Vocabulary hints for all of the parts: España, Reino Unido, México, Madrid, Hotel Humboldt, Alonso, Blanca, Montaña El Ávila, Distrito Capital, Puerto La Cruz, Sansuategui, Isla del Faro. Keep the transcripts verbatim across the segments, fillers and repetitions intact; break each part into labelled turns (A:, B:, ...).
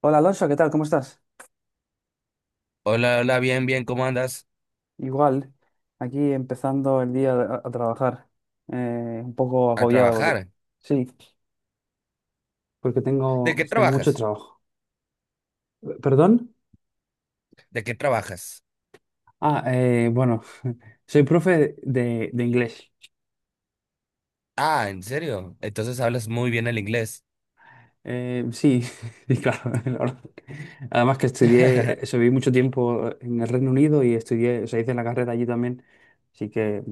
A: Hola Alonso, ¿qué tal? ¿Cómo estás?
B: Hola, hola, bien, bien, ¿cómo andas?
A: Igual, aquí empezando el día a, a trabajar, eh, un poco
B: A
A: agobiado porque
B: trabajar.
A: sí, porque
B: ¿De
A: tengo,
B: qué
A: tengo mucho
B: trabajas?
A: trabajo. Eh, ¿Perdón?
B: ¿De qué trabajas?
A: Ah, eh, bueno, soy profe de, de inglés.
B: Ah, ¿en serio? Entonces hablas muy bien el inglés.
A: Eh, sí, sí, claro. La verdad. Además que estudié, eh, eso, viví mucho tiempo en el Reino Unido y estudié, o sea, hice la carrera allí también, así que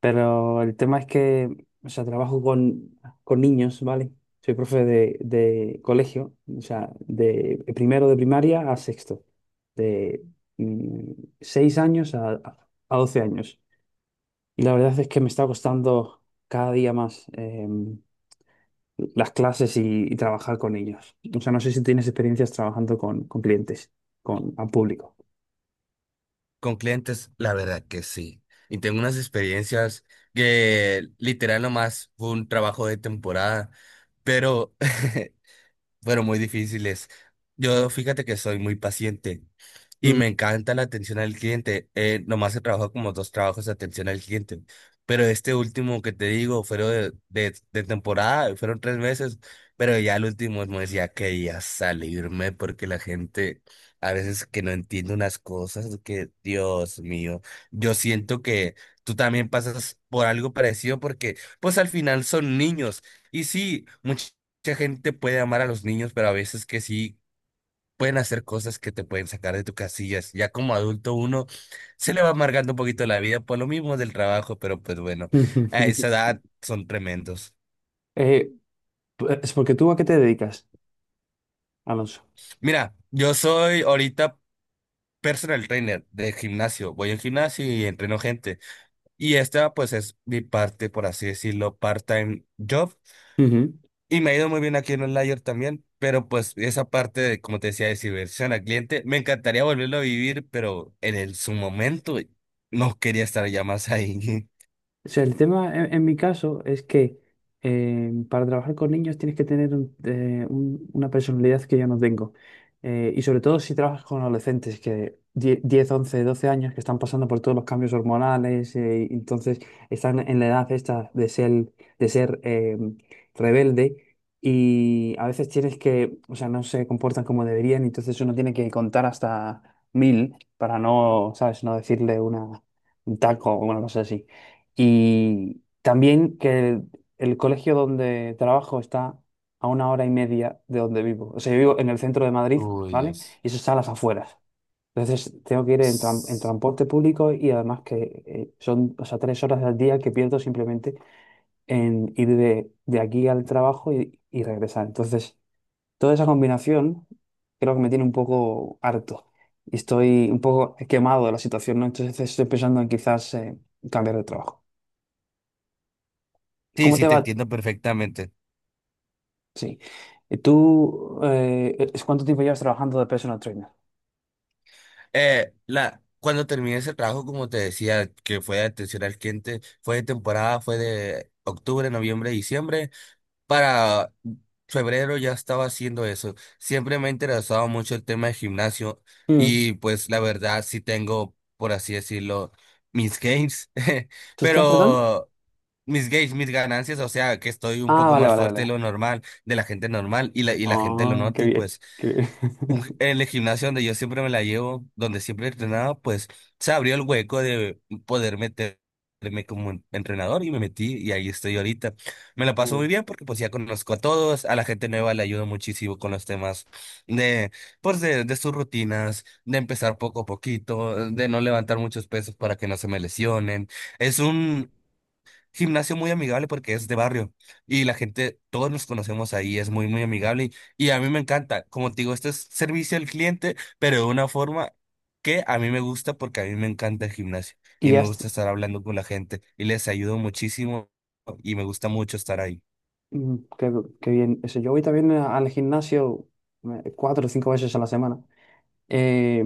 A: pero el tema es que, o sea, trabajo con, con niños, ¿vale? Soy profe de, de colegio, o sea, de primero de primaria a sexto, de mm, seis años a, a doce años. Y la verdad es que me está costando cada día más em, las clases y, y trabajar con ellos. O sea, no sé si tienes experiencias trabajando con, con clientes, con al público.
B: Con clientes, la verdad que sí. Y tengo unas experiencias que literal nomás fue un trabajo de temporada, pero pero muy difíciles. Yo fíjate que soy muy paciente y
A: Ujú.
B: me encanta la atención al cliente. Eh, nomás he trabajado como dos trabajos de atención al cliente, pero este último que te digo fueron de, de, de temporada, fueron tres meses, pero ya el último me decía que ya salirme porque la gente a veces que no entiende unas cosas que, Dios mío, yo siento que tú también pasas por algo parecido porque pues al final son niños y sí, muchas Mucha gente puede amar a los niños, pero a veces que sí pueden hacer cosas que te pueden sacar de tus casillas. Ya como adulto uno se le va amargando un poquito la vida por lo mismo del trabajo, pero pues bueno, a esa edad son tremendos.
A: Eh, es porque tú a qué te dedicas, Alonso.
B: Mira, yo soy ahorita personal trainer de gimnasio. Voy al gimnasio y entreno gente. Y esta pues es mi parte, por así decirlo, part-time job. Y me ha ido muy bien aquí en Outlier también, pero pues esa parte de, como te decía, de servicio al cliente, me encantaría volverlo a vivir, pero en el, su momento no quería estar ya más ahí.
A: O sea, el tema en, en mi caso es que eh, para trabajar con niños tienes que tener un- eh, un- una personalidad que yo no tengo. Eh, y sobre todo si trabajas con adolescentes que die- diez, once, doce años que están pasando por todos los cambios hormonales, eh, y entonces están en la edad esta de ser, de ser eh, rebelde y a veces tienes que, o sea, no se comportan como deberían, y entonces uno tiene que contar hasta mil para no, ¿sabes? No decirle una, un taco o una cosa así. Y también que el, el colegio donde trabajo está a una hora y media de donde vivo. O sea, yo vivo en el centro de Madrid,
B: Uy,
A: ¿vale?
B: Dios.
A: Y eso está a las afueras. Entonces tengo que ir en, tran- en
B: Sí,
A: transporte público y además que eh, son, o sea, tres horas al día que pierdo simplemente en ir de, de aquí al trabajo y, y regresar. Entonces, toda esa combinación creo que me tiene un poco harto y estoy un poco quemado de la situación, ¿no? Entonces estoy pensando en quizás eh, cambiar de trabajo. ¿Cómo
B: sí,
A: te
B: te
A: va?
B: entiendo perfectamente.
A: Sí. ¿Y tú eh, e-, es- cuánto tiempo llevas trabajando de personal trainer?
B: Eh, la, cuando terminé ese trabajo, como te decía, que fue de atención al cliente, fue de temporada, fue de octubre, noviembre, diciembre. Para febrero ya estaba haciendo eso. Siempre me ha interesado mucho el tema de gimnasio
A: Mm.
B: y pues la verdad sí tengo, por así decirlo, mis gains,
A: ¿Tus qué, perdón?
B: pero mis gains, mis ganancias, o sea que estoy un
A: Ah,
B: poco
A: vale,
B: más
A: vale,
B: fuerte de
A: vale.
B: lo normal, de la gente normal y la, y la gente lo
A: Ah,
B: nota
A: qué
B: y
A: bien,
B: pues
A: qué bien.
B: un en el gimnasio donde yo siempre me la llevo, donde siempre entrenaba, pues se abrió el hueco de poder meterme como en- entrenador y me metí y ahí estoy ahorita. Me la paso muy
A: Mm.
B: bien porque pues ya conozco a todos, a la gente nueva le ayudo muchísimo con los temas de, pues de, de sus rutinas, de empezar poco a poquito, de no levantar muchos pesos para que no se me lesionen. Es un gimnasio muy amigable porque es de barrio y la gente, todos nos conocemos ahí, es muy, muy amigable y, y a mí me encanta. Como te digo, este es servicio al cliente, pero de una forma que a mí me gusta porque a mí me encanta el gimnasio y
A: Y
B: me
A: has,
B: gusta estar hablando con la gente y les ayudo muchísimo y me gusta mucho estar ahí.
A: mm, qué, qué bien. Eso, yo voy también a- al gimnasio eh, cuatro o cinco veces a la semana. Eh,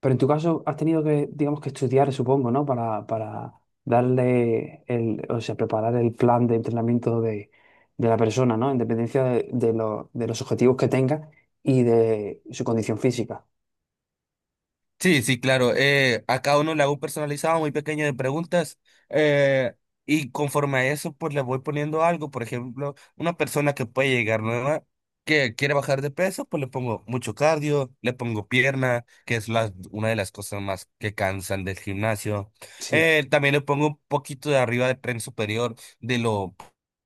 A: pero en tu caso has tenido que, digamos, que estudiar, supongo, ¿no? Para, para darle el, o sea, preparar el plan de entrenamiento de, de la persona, ¿no? En dependencia de, de lo- de los objetivos que tenga y de su condición física.
B: Sí, sí, claro. Eh, a cada uno le hago un personalizado muy pequeño de preguntas eh, y conforme a eso, pues le voy poniendo algo. Por ejemplo, una persona que puede llegar nueva, que quiere bajar de peso, pues le pongo mucho cardio, le pongo pierna, que es la, una de las cosas más que cansan del gimnasio.
A: Sí.
B: Eh, también le pongo un poquito de arriba de tren superior, de lo,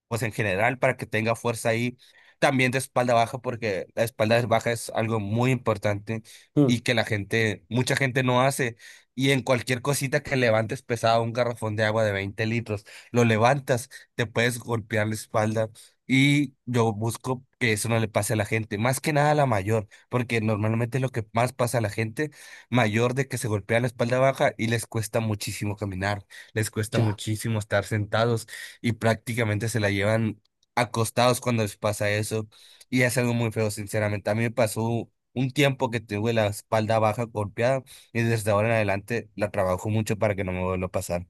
B: pues en general, para que tenga fuerza ahí. También de espalda baja, porque la espalda baja es algo muy importante
A: Mm,
B: y que la gente, mucha gente no hace. Y en cualquier cosita que levantes pesado, un garrafón de agua de veinte litros, lo levantas, te puedes golpear la espalda. Y yo busco que eso no le pase a la gente, más que nada a la mayor, porque normalmente lo que más pasa a la gente mayor de que se golpea la espalda baja y les cuesta muchísimo caminar, les cuesta
A: ya,
B: muchísimo estar sentados y prácticamente se la llevan acostados cuando les pasa eso. Y es algo muy feo, sinceramente. A mí me pasó un tiempo que tuve la espalda baja golpeada y desde ahora en adelante la trabajo mucho para que no me vuelva a pasar.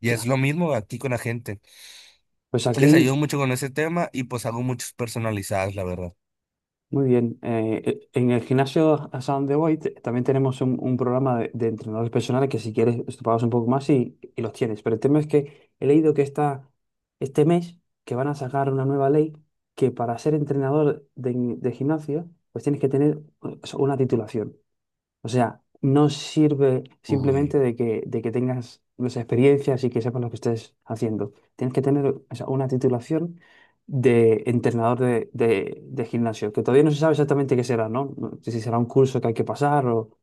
B: Y es
A: ya.
B: lo mismo aquí con la gente.
A: Pues
B: Les ayudo
A: aquí.
B: mucho con ese tema y pues hago muchos personalizados, la verdad.
A: Muy bien. Eh, e- en el gimnasio a donde voy te- también tenemos un, un programa de, de entrenadores personales que si quieres te pagas un poco más y, y los tienes. Pero el tema es que he leído que esta este mes que van a sacar una nueva ley que para ser entrenador de, de gimnasio pues tienes que tener eh, una titulación. O sea, no sirve simplemente
B: Uy.
A: de que, de que tengas las experiencias y que sepas lo que estés haciendo. Tienes que tener, o sea, una titulación de entrenador de, de- de gimnasio, que todavía no se sabe exactamente qué será, ¿no? No sé si será un curso que hay que pasar o...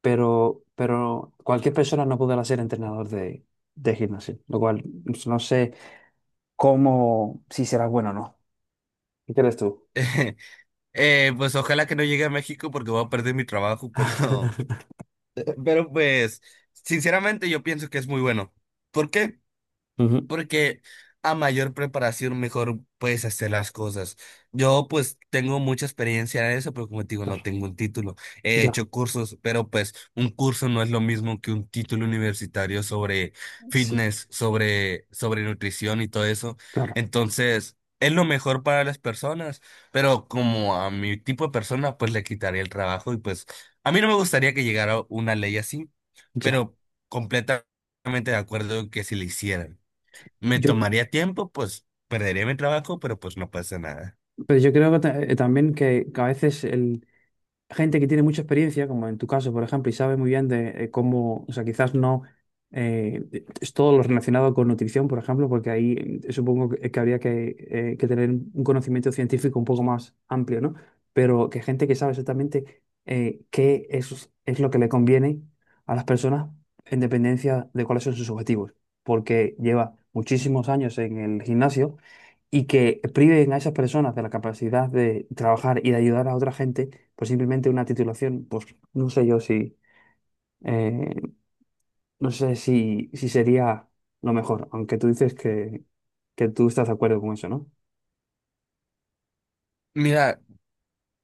A: Pero, pero cualquier persona no podrá ser entrenador de, de gimnasio, lo cual no sé cómo, si será bueno o no. ¿Qué crees tú?
B: Eh, pues ojalá que no llegue a México porque voy a perder mi trabajo, pero, pero pues sinceramente yo pienso que es muy bueno. ¿Por qué?
A: Ujú,
B: Porque a mayor preparación, mejor puedes hacer las cosas. Yo pues tengo mucha experiencia en eso, pero como te digo, no
A: claro,
B: tengo un título. He
A: ya,
B: hecho cursos, pero pues un curso no es lo mismo que un título universitario sobre
A: sí,
B: fitness, sobre, sobre nutrición y todo eso.
A: claro,
B: Entonces, es lo mejor para las personas, pero como a mi tipo de persona, pues le quitaría el trabajo y pues a mí no me gustaría que llegara una ley así,
A: ya.
B: pero completamente de acuerdo en que si le hicieran. Me
A: Yo,
B: tomaría tiempo, pues perdería mi trabajo, pero pues no pasa nada.
A: pero yo creo que ta- eh, también que, que a veces el, gente que tiene mucha experiencia, como en tu caso, por ejemplo, y sabe muy bien de eh, cómo, o sea, quizás no eh, es todo lo relacionado con nutrición, por ejemplo, porque ahí eh, supongo que, que habría que, eh, que tener un conocimiento científico un poco más amplio, ¿no? Pero que gente que sabe exactamente eh, qué es, es lo que le conviene a las personas en dependencia de cuáles son sus objetivos, porque lleva muchísimos años en el gimnasio y que priven a esas personas de la capacidad de trabajar y de ayudar a otra gente pues simplemente una titulación, pues no sé yo si, eh, no sé si, si sería lo mejor, aunque tú dices que, que tú estás de acuerdo con eso, ¿no?
B: Mira,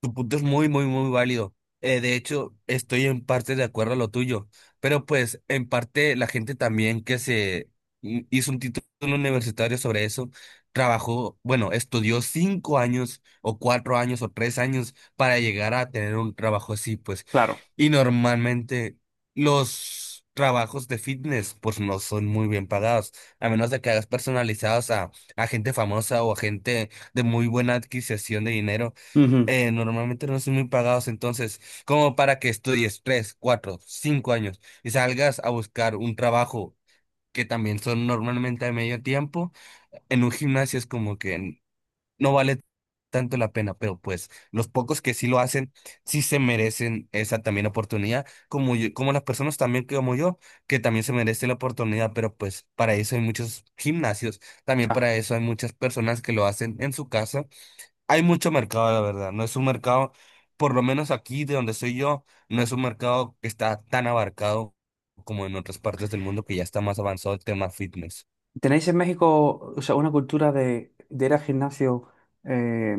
B: tu punto es muy, muy, muy válido. Eh, de hecho, estoy en parte de acuerdo a lo tuyo, pero pues en parte la gente también que se mm, hizo un título universitario sobre eso, trabajó, bueno, estudió cinco años o cuatro años o tres años para llegar a tener un trabajo así, pues.
A: Claro.
B: Y normalmente los trabajos de fitness pues no son muy bien pagados, a menos de que hagas personalizados a, a gente famosa o a gente de muy buena adquisición de dinero,
A: Ujú,
B: eh, normalmente no son muy pagados, entonces como para que estudies tres, cuatro, cinco años y salgas a buscar un trabajo que también son normalmente a medio tiempo, en un gimnasio es como que no vale tanto la pena, pero pues los pocos que sí lo hacen, sí se merecen esa también oportunidad, como yo- como las personas también que como yo, que también se merece la oportunidad, pero pues para eso hay muchos gimnasios, también
A: ya.
B: para eso hay muchas personas que lo hacen en su casa. Hay mucho mercado, la verdad, no es un mercado, por lo menos aquí de donde soy yo, no es un mercado que está tan abarcado como en otras partes del mundo que ya está más avanzado el tema fitness.
A: ¿Tenéis en México, o sea, una cultura de, de ir al gimnasio eh,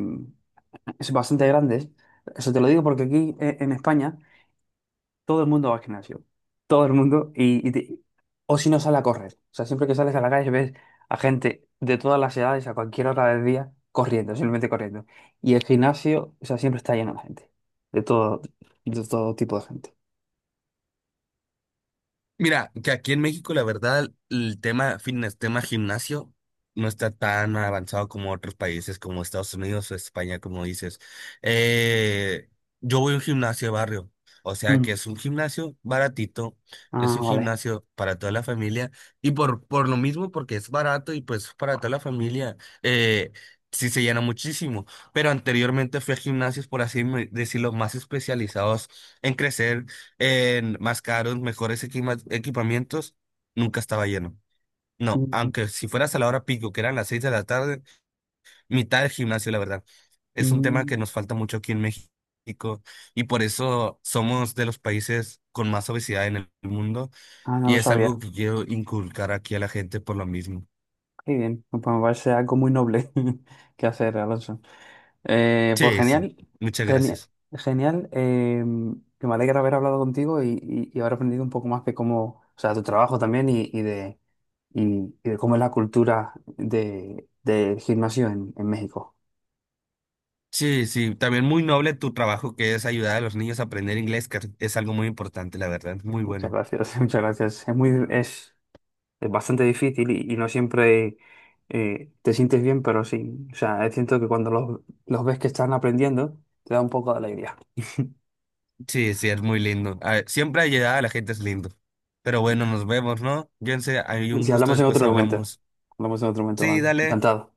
A: es bastante grande? Eso te lo digo porque aquí eh, en España todo el mundo va al gimnasio. Todo el mundo. Y, y te- o si no sale a correr. O sea, siempre que sales a la calle ves a gente de todas las edades, a cualquier hora del día, corriendo, simplemente corriendo. Y el gimnasio, o sea, siempre está lleno de gente. De todo, de todo tipo de gente.
B: Mira, que aquí en México, la verdad, el tema fitness, tema gimnasio, no está tan avanzado como otros países, como Estados Unidos o España, como dices. Eh, yo voy a un gimnasio de barrio, o sea que
A: Mm.
B: es un gimnasio baratito, es
A: Ah,
B: un
A: vale.
B: gimnasio para toda la familia, y por, por lo mismo, porque es barato y pues para toda la familia, eh, sí se llena muchísimo. Pero anteriormente fui a gimnasios, por así me- decirlo, más especializados en crecer en más caros, mejores equima- equipamientos, nunca estaba lleno. No,
A: Mm,
B: aunque si fueras a la hora pico, que eran las seis de la tarde, mitad del gimnasio, la verdad. Es un tema que
A: mm.
B: nos falta mucho aquí en México y por eso somos de los países con más obesidad en el mundo
A: Ah, no
B: y
A: lo
B: es
A: sabía.
B: algo que quiero inculcar aquí a la gente por lo mismo.
A: Qué bien. Pues me parece algo muy noble que hacer, Alonso. Eh, pues
B: Sí, sí,
A: genial,
B: muchas
A: genial,
B: gracias.
A: genial. Eh, que me alegra haber hablado contigo y, y, y haber aprendido un poco más de cómo, o sea, tu trabajo también y, y de, y, y de cómo es la cultura de, del gimnasio en, en México.
B: Sí, sí, también muy noble tu trabajo que es ayudar a los niños a aprender inglés, que es algo muy importante, la verdad, muy
A: Muchas
B: bueno.
A: gracias, muchas gracias. Es muy, es, es bastante difícil y, y no siempre eh, te sientes bien, pero sí, o sea, siento que cuando los, los ves que están aprendiendo, te da un poco de alegría.
B: Sí, sí, es muy lindo. A ver, siempre llegada la gente es lindo. Pero bueno, nos vemos, ¿no? Sé, hay un
A: Si
B: gusto,
A: hablamos en
B: después
A: otro momento,
B: hablamos.
A: hablamos en otro momento,
B: Sí,
A: Blanca.
B: dale.
A: Encantado.